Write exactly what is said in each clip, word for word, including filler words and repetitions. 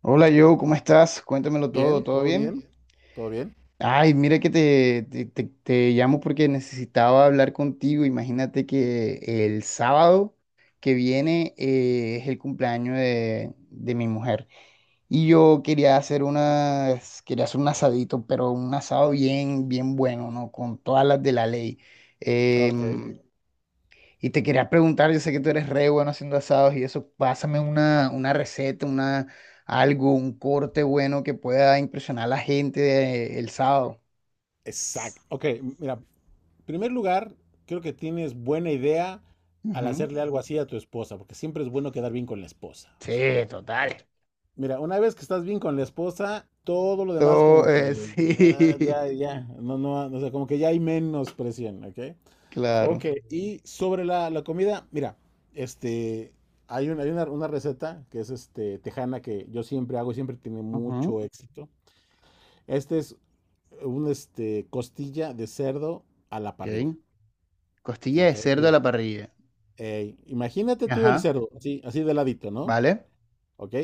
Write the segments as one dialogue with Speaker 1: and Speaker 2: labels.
Speaker 1: Hola Joe, ¿cómo estás? Cuéntamelo todo,
Speaker 2: Bien,
Speaker 1: ¿todo
Speaker 2: todo
Speaker 1: bien?
Speaker 2: bien, todo bien.
Speaker 1: Ay, mira que te, te, te- te llamo porque necesitaba hablar contigo. Imagínate que el sábado que viene eh, es el cumpleaños de, de mi mujer. Y yo quería hacer unas, quería hacer un asadito, pero un asado bien, bien bueno, ¿no? Con todas las de la ley.
Speaker 2: Ok.
Speaker 1: Em, y te quería preguntar, yo sé que tú eres re bueno haciendo asados y eso, pásame una, una receta, una, algo, un corte bueno que pueda impresionar a la gente de- el sábado.
Speaker 2: Exacto. Ok, mira, en primer lugar, creo que tienes buena idea al
Speaker 1: Ujú.
Speaker 2: hacerle algo así a tu esposa, porque siempre es bueno quedar bien con la esposa. O sea,
Speaker 1: Sí, total.
Speaker 2: mira, una vez que estás bien con la esposa, todo lo demás
Speaker 1: Todo,
Speaker 2: como
Speaker 1: eh,
Speaker 2: que ya,
Speaker 1: sí,
Speaker 2: ya, ya, no, no, o sea, como que ya hay menos presión, ¿ok? Ok,
Speaker 1: claro.
Speaker 2: y sobre la, la comida, mira, este, hay, un- hay una, una receta que es este, tejana que yo siempre hago y siempre tiene
Speaker 1: Ujú,
Speaker 2: mucho éxito. Este es un este, costilla de cerdo a la parrilla.
Speaker 1: ok. Costilla
Speaker 2: Ok,
Speaker 1: de cerdo a
Speaker 2: mira.
Speaker 1: la parrilla.
Speaker 2: eh, imagínate tú el
Speaker 1: Ajá,
Speaker 2: cerdo, así, así de ladito, ¿no?
Speaker 1: vale.
Speaker 2: Ok.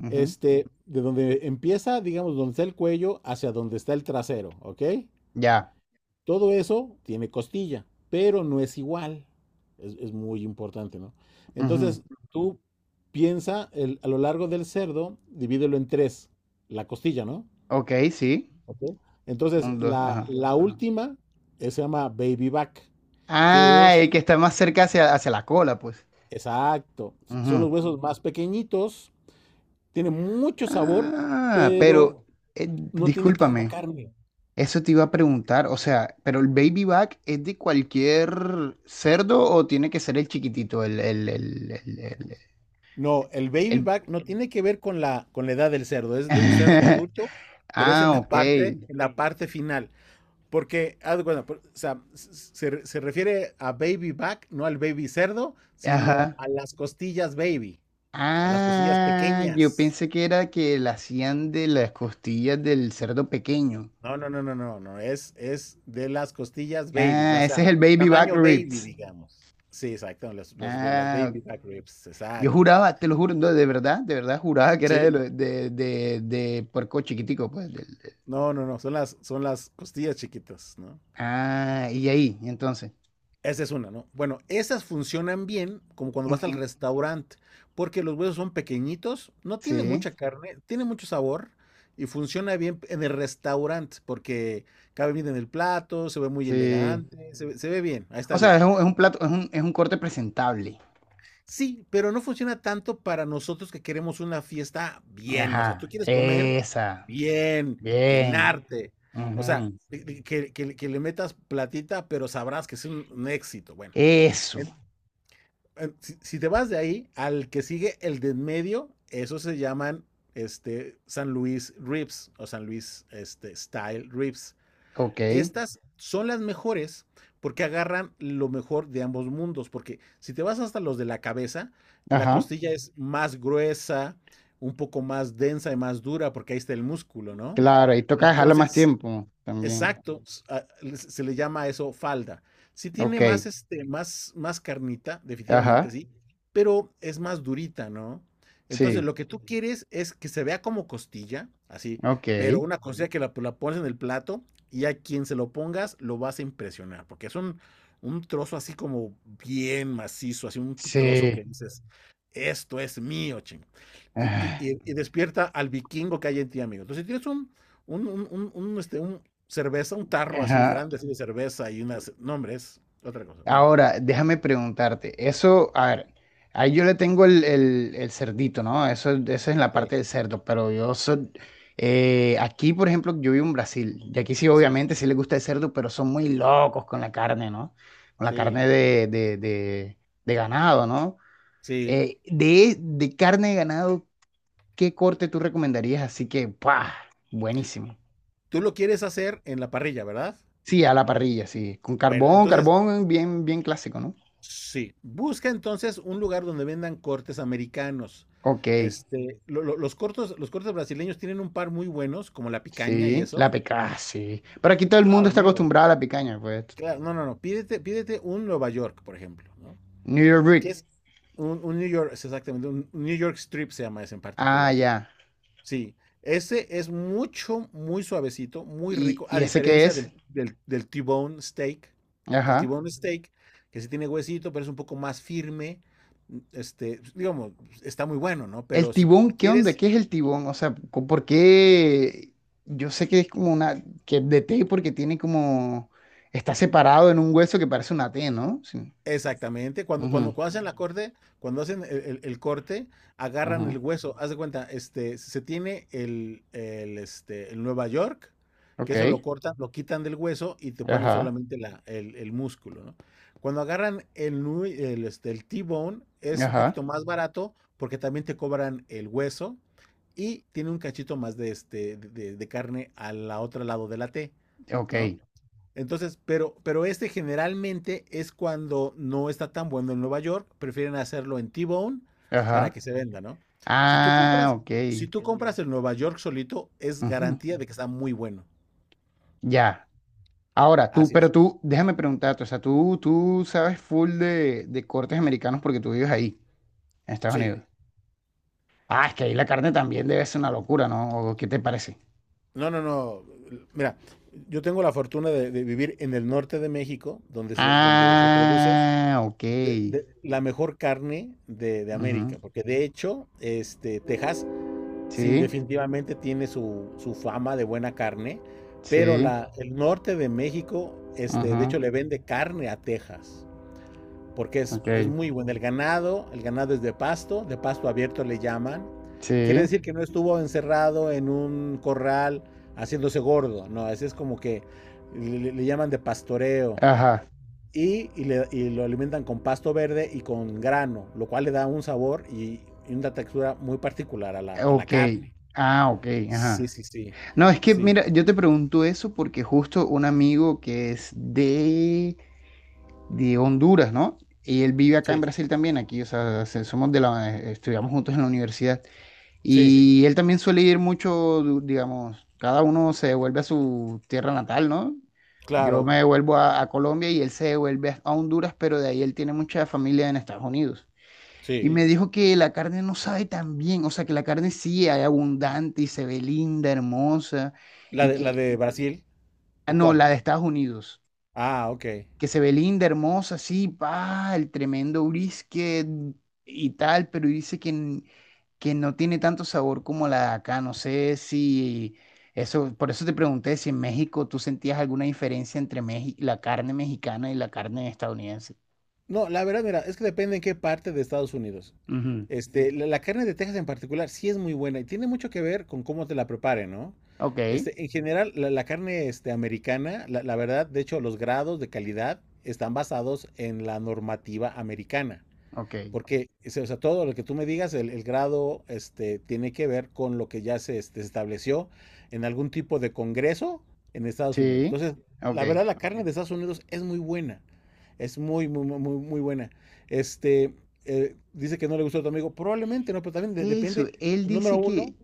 Speaker 1: Ujú,
Speaker 2: Este, de donde empieza, digamos, donde está el cuello, hacia donde está el trasero, ¿ok?
Speaker 1: ya.
Speaker 2: Todo eso tiene costilla, pero no es igual. Es, es muy importante, ¿no?
Speaker 1: Ujú.
Speaker 2: Entonces, tú piensa el- a lo largo del cerdo, divídelo en tres, la costilla, ¿no?
Speaker 1: Ok, sí.
Speaker 2: Ok. Entonces,
Speaker 1: Un, dos,
Speaker 2: la,
Speaker 1: ajá.
Speaker 2: la última eh, se llama baby back, que
Speaker 1: Ah,
Speaker 2: es,
Speaker 1: el que está más cerca hacia, hacia la cola, pues.
Speaker 2: exacto, son
Speaker 1: Ujú.
Speaker 2: los huesos más pequeñitos, tiene mucho sabor,
Speaker 1: Ah, pero
Speaker 2: pero
Speaker 1: eh,
Speaker 2: no tiene tanta
Speaker 1: discúlpame,
Speaker 2: carne.
Speaker 1: eso te iba a preguntar, o sea, ¿pero el baby back es de cualquier cerdo o tiene que ser el chiquitito, el, el, el, el, el-
Speaker 2: No, el baby
Speaker 1: el-
Speaker 2: back no tiene que ver con la, con la edad del cerdo, es de un cerdo adulto, pero es en
Speaker 1: Ah,
Speaker 2: la
Speaker 1: ok,
Speaker 2: parte, en la parte final. Porque, haz de cuenta, por- o sea, se, se refiere a baby back, no al baby cerdo, sino
Speaker 1: ajá.
Speaker 2: a las costillas baby, a las costillas
Speaker 1: Ah, yo
Speaker 2: pequeñas.
Speaker 1: pensé que era que la hacían de las costillas del cerdo pequeño.
Speaker 2: No, no, no, no, no, no, es, es de las costillas babies, la- o
Speaker 1: Ah, ese
Speaker 2: sea,
Speaker 1: es el baby back
Speaker 2: tamaño baby,
Speaker 1: ribs.
Speaker 2: digamos. Sí, exacto, las, las, ri- las
Speaker 1: Ah,
Speaker 2: baby back ribs,
Speaker 1: yo
Speaker 2: exacto.
Speaker 1: juraba, te lo juro, no, de verdad, de verdad juraba que era de,
Speaker 2: ¿Sí?
Speaker 1: lo- de, de, de puerco chiquitico, pues. del- del-
Speaker 2: No, no, no, son las, son las costillas chiquitas, ¿no?
Speaker 1: Ah, y ahí, entonces.
Speaker 2: Esa es una, ¿no? Bueno, esas funcionan bien como cuando vas al
Speaker 1: Ujú.
Speaker 2: restaurante, porque los huesos son pequeñitos, no tiene
Speaker 1: Sí,
Speaker 2: mucha carne, tiene mucho sabor y funciona bien en el restaurante porque cabe bien en el plato, se ve muy
Speaker 1: sí.
Speaker 2: elegante, se, ve- se ve bien, ahí
Speaker 1: O
Speaker 2: está
Speaker 1: sea,
Speaker 2: bien.
Speaker 1: es un, es un plato, es un, es un corte presentable.
Speaker 2: Sí, pero no funciona tanto para nosotros que queremos una fiesta bien. O sea, tú
Speaker 1: Ajá,
Speaker 2: quieres comer
Speaker 1: esa.
Speaker 2: bien,
Speaker 1: Bien.
Speaker 2: llenarte. O sea,
Speaker 1: Ujú.
Speaker 2: que, que- que- que le metas platita, pero sabrás que es un, un éxito. Bueno,
Speaker 1: Eso.
Speaker 2: en- en- si, si te vas de ahí al que sigue el de en medio, esos se llaman este, San Luis Ribs o San Luis este, Style Ribs.
Speaker 1: Ok.
Speaker 2: Estas son las mejores porque agarran lo mejor de ambos mundos, porque si te vas hasta los de la cabeza, la
Speaker 1: Ajá.
Speaker 2: costilla es más gruesa, un poco más densa y más dura, porque ahí está el músculo, ¿no?
Speaker 1: Claro, y toca dejarlo más
Speaker 2: Entonces,
Speaker 1: tiempo también.
Speaker 2: exacto, s- a- le- se le llama a eso falda. Sí tiene más,
Speaker 1: Ok.
Speaker 2: este, más, más carnita, definitivamente
Speaker 1: Ajá.
Speaker 2: sí, pero es más durita, ¿no? Entonces,
Speaker 1: Sí.
Speaker 2: lo que tú, ujú, quieres es que se vea como costilla, así,
Speaker 1: Ok.
Speaker 2: pero una costilla que la, la pones en el plato y a quien se lo pongas lo vas a impresionar, porque es un, un trozo así como bien macizo, así un trozo que
Speaker 1: Sí.
Speaker 2: dices, esto es mío, ching. Te- Y,
Speaker 1: Ah,
Speaker 2: y- y despierta al vikingo que hay en ti, amigo. Entonces, si tienes un, un, un, un- un, este, un cerveza, un tarro así
Speaker 1: ajá.
Speaker 2: grande, así de cerveza y unas. No, hombre, es otra cosa. Bueno,
Speaker 1: Ahora, déjame preguntarte, eso, a ver, ahí yo le tengo el, el- el cerdito, ¿no? Eso, eso es la
Speaker 2: sí,
Speaker 1: parte del cerdo, pero yo soy, eh, aquí, por ejemplo, yo vivo en Brasil, y aquí sí,
Speaker 2: sí,
Speaker 1: obviamente, sí le gusta el cerdo, pero son muy locos con la carne, ¿no? Con la
Speaker 2: sí,
Speaker 1: carne de, de- de- de ganado, ¿no?
Speaker 2: sí.
Speaker 1: Eh, de, de carne de ganado, ¿qué corte tú recomendarías? Así que, ¡pah! Buenísimo.
Speaker 2: Tú lo quieres hacer en la parrilla, ¿verdad?
Speaker 1: Sí, a la parrilla, sí, con
Speaker 2: Bueno,
Speaker 1: carbón,
Speaker 2: entonces,
Speaker 1: carbón bien, bien clásico, ¿no?
Speaker 2: sí. Busca entonces un lugar donde vendan cortes americanos.
Speaker 1: Ok.
Speaker 2: Este, lo- lo- los cortos, los cortes brasileños tienen un par muy buenos, como la picaña y
Speaker 1: Sí,
Speaker 2: eso.
Speaker 1: la picaña, sí. Pero aquí
Speaker 2: Pues,
Speaker 1: todo el mundo
Speaker 2: claro,
Speaker 1: está
Speaker 2: amigo.
Speaker 1: acostumbrado a la picaña, pues.
Speaker 2: Claro, no, no, no. Pídete, pídete un Nueva York, por ejemplo, ¿no?
Speaker 1: New York
Speaker 2: Que
Speaker 1: Brick.
Speaker 2: es un, un New York, es exactamente, un un New York Strip se llama ese en
Speaker 1: Ah,
Speaker 2: particular.
Speaker 1: ya.
Speaker 2: Sí, ese es mucho, muy suavecito, muy
Speaker 1: ¿Y,
Speaker 2: rico, a
Speaker 1: y ese qué
Speaker 2: diferencia
Speaker 1: es?
Speaker 2: del, del, del T-bone steak. El
Speaker 1: Ajá.
Speaker 2: T-bone steak, que sí tiene huesito, pero es un poco más firme. mm, Este, digamos, está muy bueno, ¿no?
Speaker 1: El
Speaker 2: Pero si tú
Speaker 1: tibón, ¿qué onda?
Speaker 2: quieres.
Speaker 1: ¿Qué es el tibón? O sea, co- ¿por qué? Yo sé que es como una, que es de T porque tiene como, está separado en un hueso que parece una T, ¿no? Sí.
Speaker 2: Exactamente, cuando, cuando,
Speaker 1: Ujú,
Speaker 2: cuando hacen la corte, cuando hacen el, el- el corte, agarran el
Speaker 1: ujú.
Speaker 2: hueso. Haz de cuenta, este, se tiene el, el, este, el Nueva York, que eso lo
Speaker 1: Ok.
Speaker 2: cortan, lo quitan del hueso y te ponen
Speaker 1: Ajá.
Speaker 2: solamente la, el, el músculo, ¿no? Cuando agarran el, nu- el, este, el T-bone, es un poquito
Speaker 1: Ajá.
Speaker 2: más barato porque también te cobran el hueso y tiene un cachito más de, este, de, de- de carne al otro lado de la T, ¿no?
Speaker 1: Ok.
Speaker 2: Entonces, pero, pero este generalmente es cuando no está tan bueno en Nueva York, prefieren hacerlo en T-Bone para
Speaker 1: Ajá.
Speaker 2: que se venda, ¿no? Si tú
Speaker 1: Ah,
Speaker 2: compras,
Speaker 1: ok.
Speaker 2: si tú compras el Nueva York solito, es
Speaker 1: Ujú.
Speaker 2: garantía de que está muy bueno.
Speaker 1: Ya. Ahora, tú,
Speaker 2: Así
Speaker 1: pero
Speaker 2: es.
Speaker 1: tú, déjame preguntarte, o sea, tú, tú sabes full de, de cortes americanos porque tú vives ahí, en Estados
Speaker 2: Sí.
Speaker 1: Unidos. Ah, es que ahí la carne también debe ser una locura, ¿no? ¿O qué te parece?
Speaker 2: No, no, no. Mira, yo tengo la fortuna de, de vivir en el norte de México, donde se, donde se produce
Speaker 1: Ah, ok.
Speaker 2: de- de- la mejor carne de, de
Speaker 1: Ujú.
Speaker 2: América, porque de hecho, este, Texas. Sí,
Speaker 1: Sí,
Speaker 2: definitivamente tiene su, su fama de buena carne, pero
Speaker 1: sí.
Speaker 2: la, el norte de México, este, de hecho,
Speaker 1: Ajá.
Speaker 2: le vende carne a Texas, porque es, es
Speaker 1: Ok.
Speaker 2: muy bueno. El ganado, el ganado es de pasto, de pasto abierto le llaman. Quiere
Speaker 1: Sí.
Speaker 2: decir que no estuvo encerrado en un corral haciéndose gordo, no, ese es como que le, le llaman de pastoreo.
Speaker 1: Ajá.
Speaker 2: Y, y, le- y lo alimentan con pasto verde y con grano, lo cual le da un sabor y, y una textura muy particular a la, a la
Speaker 1: Ok.
Speaker 2: carne.
Speaker 1: Ah, ok.
Speaker 2: Sí,
Speaker 1: Ajá.
Speaker 2: sí, sí.
Speaker 1: No, es que,
Speaker 2: Sí,
Speaker 1: mira, yo te pregunto eso porque justo un amigo que es de... de Honduras, ¿no? Y él vive acá en
Speaker 2: sí,
Speaker 1: Brasil también, aquí, o sea, se- somos de la, eh, estudiamos juntos en la universidad.
Speaker 2: sí,
Speaker 1: Y él también suele ir mucho, du- digamos, cada uno se devuelve a su tierra natal, ¿no? Yo
Speaker 2: claro,
Speaker 1: me devuelvo a, a Colombia y él se devuelve a a Honduras, pero de ahí él tiene mucha familia en Estados Unidos. Y sí,
Speaker 2: sí.
Speaker 1: me dijo que la carne no sabe tan bien, o sea, que la carne sí es abundante y se ve linda, hermosa,
Speaker 2: ¿La
Speaker 1: y
Speaker 2: de, la
Speaker 1: que...
Speaker 2: de Brasil?
Speaker 1: Ah,
Speaker 2: ¿O
Speaker 1: no,
Speaker 2: cuál?
Speaker 1: la de Estados Unidos
Speaker 2: Ah, ok.
Speaker 1: que se ve linda, hermosa, sí, pa, el tremendo brisket y tal, pero dice que, n- que no tiene tanto sabor como la de acá. No sé si eso, por eso te pregunté si en México tú sentías alguna diferencia entre Meji- la carne mexicana y la carne estadounidense.
Speaker 2: No, la verdad, mira, es que depende en qué parte de Estados Unidos.
Speaker 1: Ujú.
Speaker 2: Este, la, la carne de Texas en particular sí es muy buena y tiene mucho que ver con cómo te la preparen, ¿no?
Speaker 1: Ok,
Speaker 2: Este, en general, la, la carne este, americana, la, la verdad, de hecho, los grados de calidad están basados en la normativa americana.
Speaker 1: ok.
Speaker 2: Porque, o sea, todo lo que tú me digas, el, el grado este, tiene que ver con lo que ya se este, estableció en algún tipo de congreso en Estados Unidos.
Speaker 1: Sí,
Speaker 2: Entonces,
Speaker 1: ok.
Speaker 2: la verdad, la carne de Estados Unidos es muy buena. Es muy, muy, muy, muy muy buena. Este, eh, dice que no le gustó a tu amigo. Probablemente no, pero también de-
Speaker 1: Eso,
Speaker 2: depende.
Speaker 1: él
Speaker 2: Número
Speaker 1: dice
Speaker 2: uno.
Speaker 1: que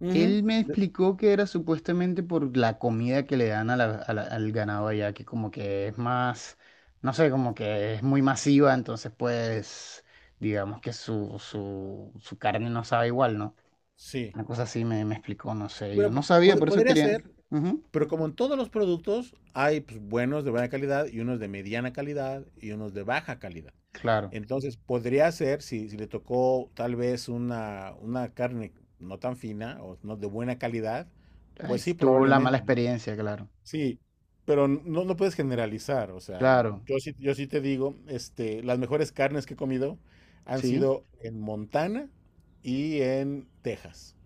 Speaker 2: Ujú,
Speaker 1: él me
Speaker 2: de-
Speaker 1: explicó que era supuestamente por la comida que le dan a la- a la- al ganado allá, que como que es más, no sé, como que es muy masiva, entonces pues digamos que su, su, su carne no sabe igual, ¿no?
Speaker 2: sí.
Speaker 1: Una cosa así me, me explicó, no sé,
Speaker 2: Bueno,
Speaker 1: yo no
Speaker 2: po-
Speaker 1: sabía,
Speaker 2: pod-
Speaker 1: por eso
Speaker 2: podría
Speaker 1: quería...
Speaker 2: ser.
Speaker 1: Ujú,
Speaker 2: Pero como en todos los productos, hay pues, buenos de buena calidad y unos de mediana calidad y unos de baja calidad.
Speaker 1: claro,
Speaker 2: Entonces, podría ser, si, si le tocó tal vez una, una carne no tan fina o no de buena calidad,
Speaker 1: ahí
Speaker 2: pues sí,
Speaker 1: estuvo la mala
Speaker 2: probablemente, ¿no?
Speaker 1: experiencia, claro,
Speaker 2: Sí, pero no, no puedes generalizar, o sea,
Speaker 1: claro,
Speaker 2: yo sí, yo sí te digo, este, las mejores carnes que he comido han
Speaker 1: sí,
Speaker 2: sido en Montana y en Texas.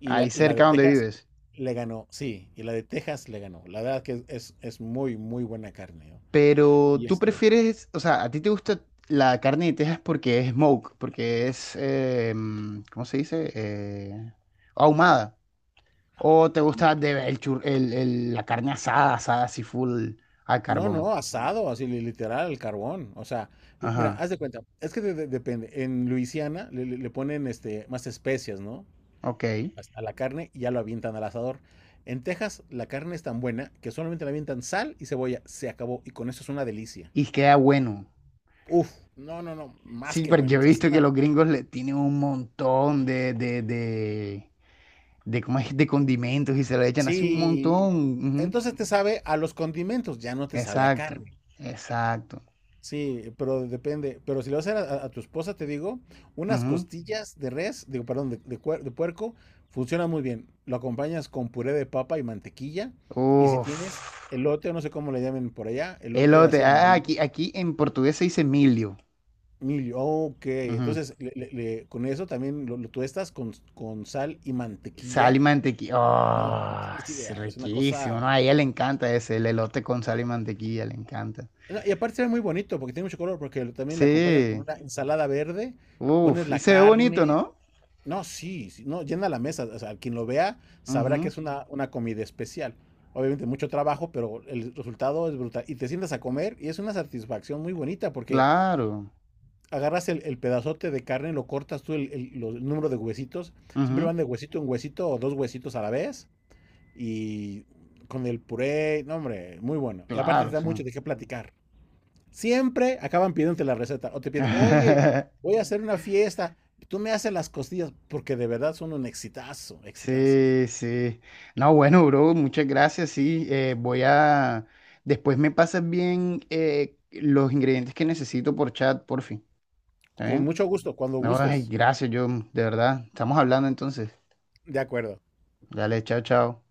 Speaker 2: Y
Speaker 1: ahí
Speaker 2: la, y la de
Speaker 1: cerca donde
Speaker 2: Texas
Speaker 1: vives.
Speaker 2: le ganó, sí, y la de Texas le ganó. La verdad que es, es muy, muy buena carne, ¿no?
Speaker 1: Pero
Speaker 2: Y
Speaker 1: tú
Speaker 2: este,
Speaker 1: prefieres, o sea, a ti te gusta la carne de Texas porque es smoke, porque es, eh, mm, ¿cómo se dice? Eh, ahumada. O te gusta de, el chur- el- el- la carne asada, asada así full al
Speaker 2: no,
Speaker 1: carbón.
Speaker 2: no, asado, así li- literal, al carbón. O sea, l- mira,
Speaker 1: Ajá,
Speaker 2: haz de cuenta, es que de- de- depende. En Luisiana le, le- le ponen este, más especias, ¿no?
Speaker 1: ok.
Speaker 2: As- A la carne y ya lo avientan al asador. En Texas la carne es tan buena que solamente le avientan sal y cebolla. Se acabó. Y con eso es una delicia.
Speaker 1: Y queda bueno.
Speaker 2: Uf, no, no, no, más
Speaker 1: Sí,
Speaker 2: que
Speaker 1: pero
Speaker 2: bueno.
Speaker 1: yo
Speaker 2: O
Speaker 1: he
Speaker 2: sea, es
Speaker 1: visto que
Speaker 2: una.
Speaker 1: los gringos le tienen un montón de, de, de, de, ¿cómo es? De condimentos y se lo echan así un
Speaker 2: Sí,
Speaker 1: montón. Ujú.
Speaker 2: entonces te sabe a los condimentos, ya no te sabe a
Speaker 1: Exacto,
Speaker 2: carne.
Speaker 1: exacto.
Speaker 2: Sí, pero depende. Pero si lo vas a hacer a, a tu esposa, te digo, unas
Speaker 1: Ujú.
Speaker 2: costillas de res, digo, perdón, de, de cuer- de puerco, funciona muy bien. Lo acompañas con puré de papa y mantequilla. Y si tienes
Speaker 1: Uf.
Speaker 2: elote, o no sé cómo le llamen por allá, elote
Speaker 1: Elote,
Speaker 2: así
Speaker 1: ah,
Speaker 2: amarillo,
Speaker 1: aquí, aquí en portugués se dice milho.
Speaker 2: milio, ok.
Speaker 1: Ujú.
Speaker 2: Entonces, le- le- le- con eso también lo, lo tuestas con, con sal y
Speaker 1: Sal y
Speaker 2: mantequilla.
Speaker 1: mantequilla.
Speaker 2: No, no
Speaker 1: Oh,
Speaker 2: tienes
Speaker 1: es
Speaker 2: idea, es una
Speaker 1: riquísimo,
Speaker 2: cosa.
Speaker 1: ¿no? A ella le encanta ese, el elote con sal y mantequilla, le encanta.
Speaker 2: No, y aparte se ve muy bonito porque tiene mucho color, porque lo- también le acompañas con
Speaker 1: Sí,
Speaker 2: una ensalada verde, pones
Speaker 1: uff, y
Speaker 2: la
Speaker 1: se ve bonito,
Speaker 2: carne.
Speaker 1: ¿no?
Speaker 2: No, sí, sí, no, llena la mesa. O sea, quien lo vea sabrá que
Speaker 1: Ujú,
Speaker 2: es una, una comida especial. Obviamente mucho trabajo, pero el resultado es brutal. Y te sientas a comer y es una satisfacción muy bonita porque
Speaker 1: claro,
Speaker 2: agarras el, el pedazote de carne, lo cortas tú el, el- lo- el número de huesitos. Siempre
Speaker 1: ujú,
Speaker 2: van de huesito en huesito o dos huesitos a la vez. Y con el puré, no, hombre, muy bueno. Y aparte te
Speaker 1: claro,
Speaker 2: da
Speaker 1: sí.
Speaker 2: mucho de qué platicar. Siempre acaban pidiéndote la receta o te piden, oye, voy a hacer una fiesta, tú me haces las costillas porque de verdad son un exitazo, exitazo.
Speaker 1: Sí, sí. No, bueno, bro, muchas gracias, sí. Eh, voy a... Después me pasas bien eh, los ingredientes que necesito por chat, por fin. ¿Está
Speaker 2: Con
Speaker 1: bien?
Speaker 2: mucho gusto, cuando
Speaker 1: No, ay,
Speaker 2: gustes.
Speaker 1: gracias, yo, de verdad. Estamos hablando entonces.
Speaker 2: De acuerdo.
Speaker 1: Dale, chao, chao.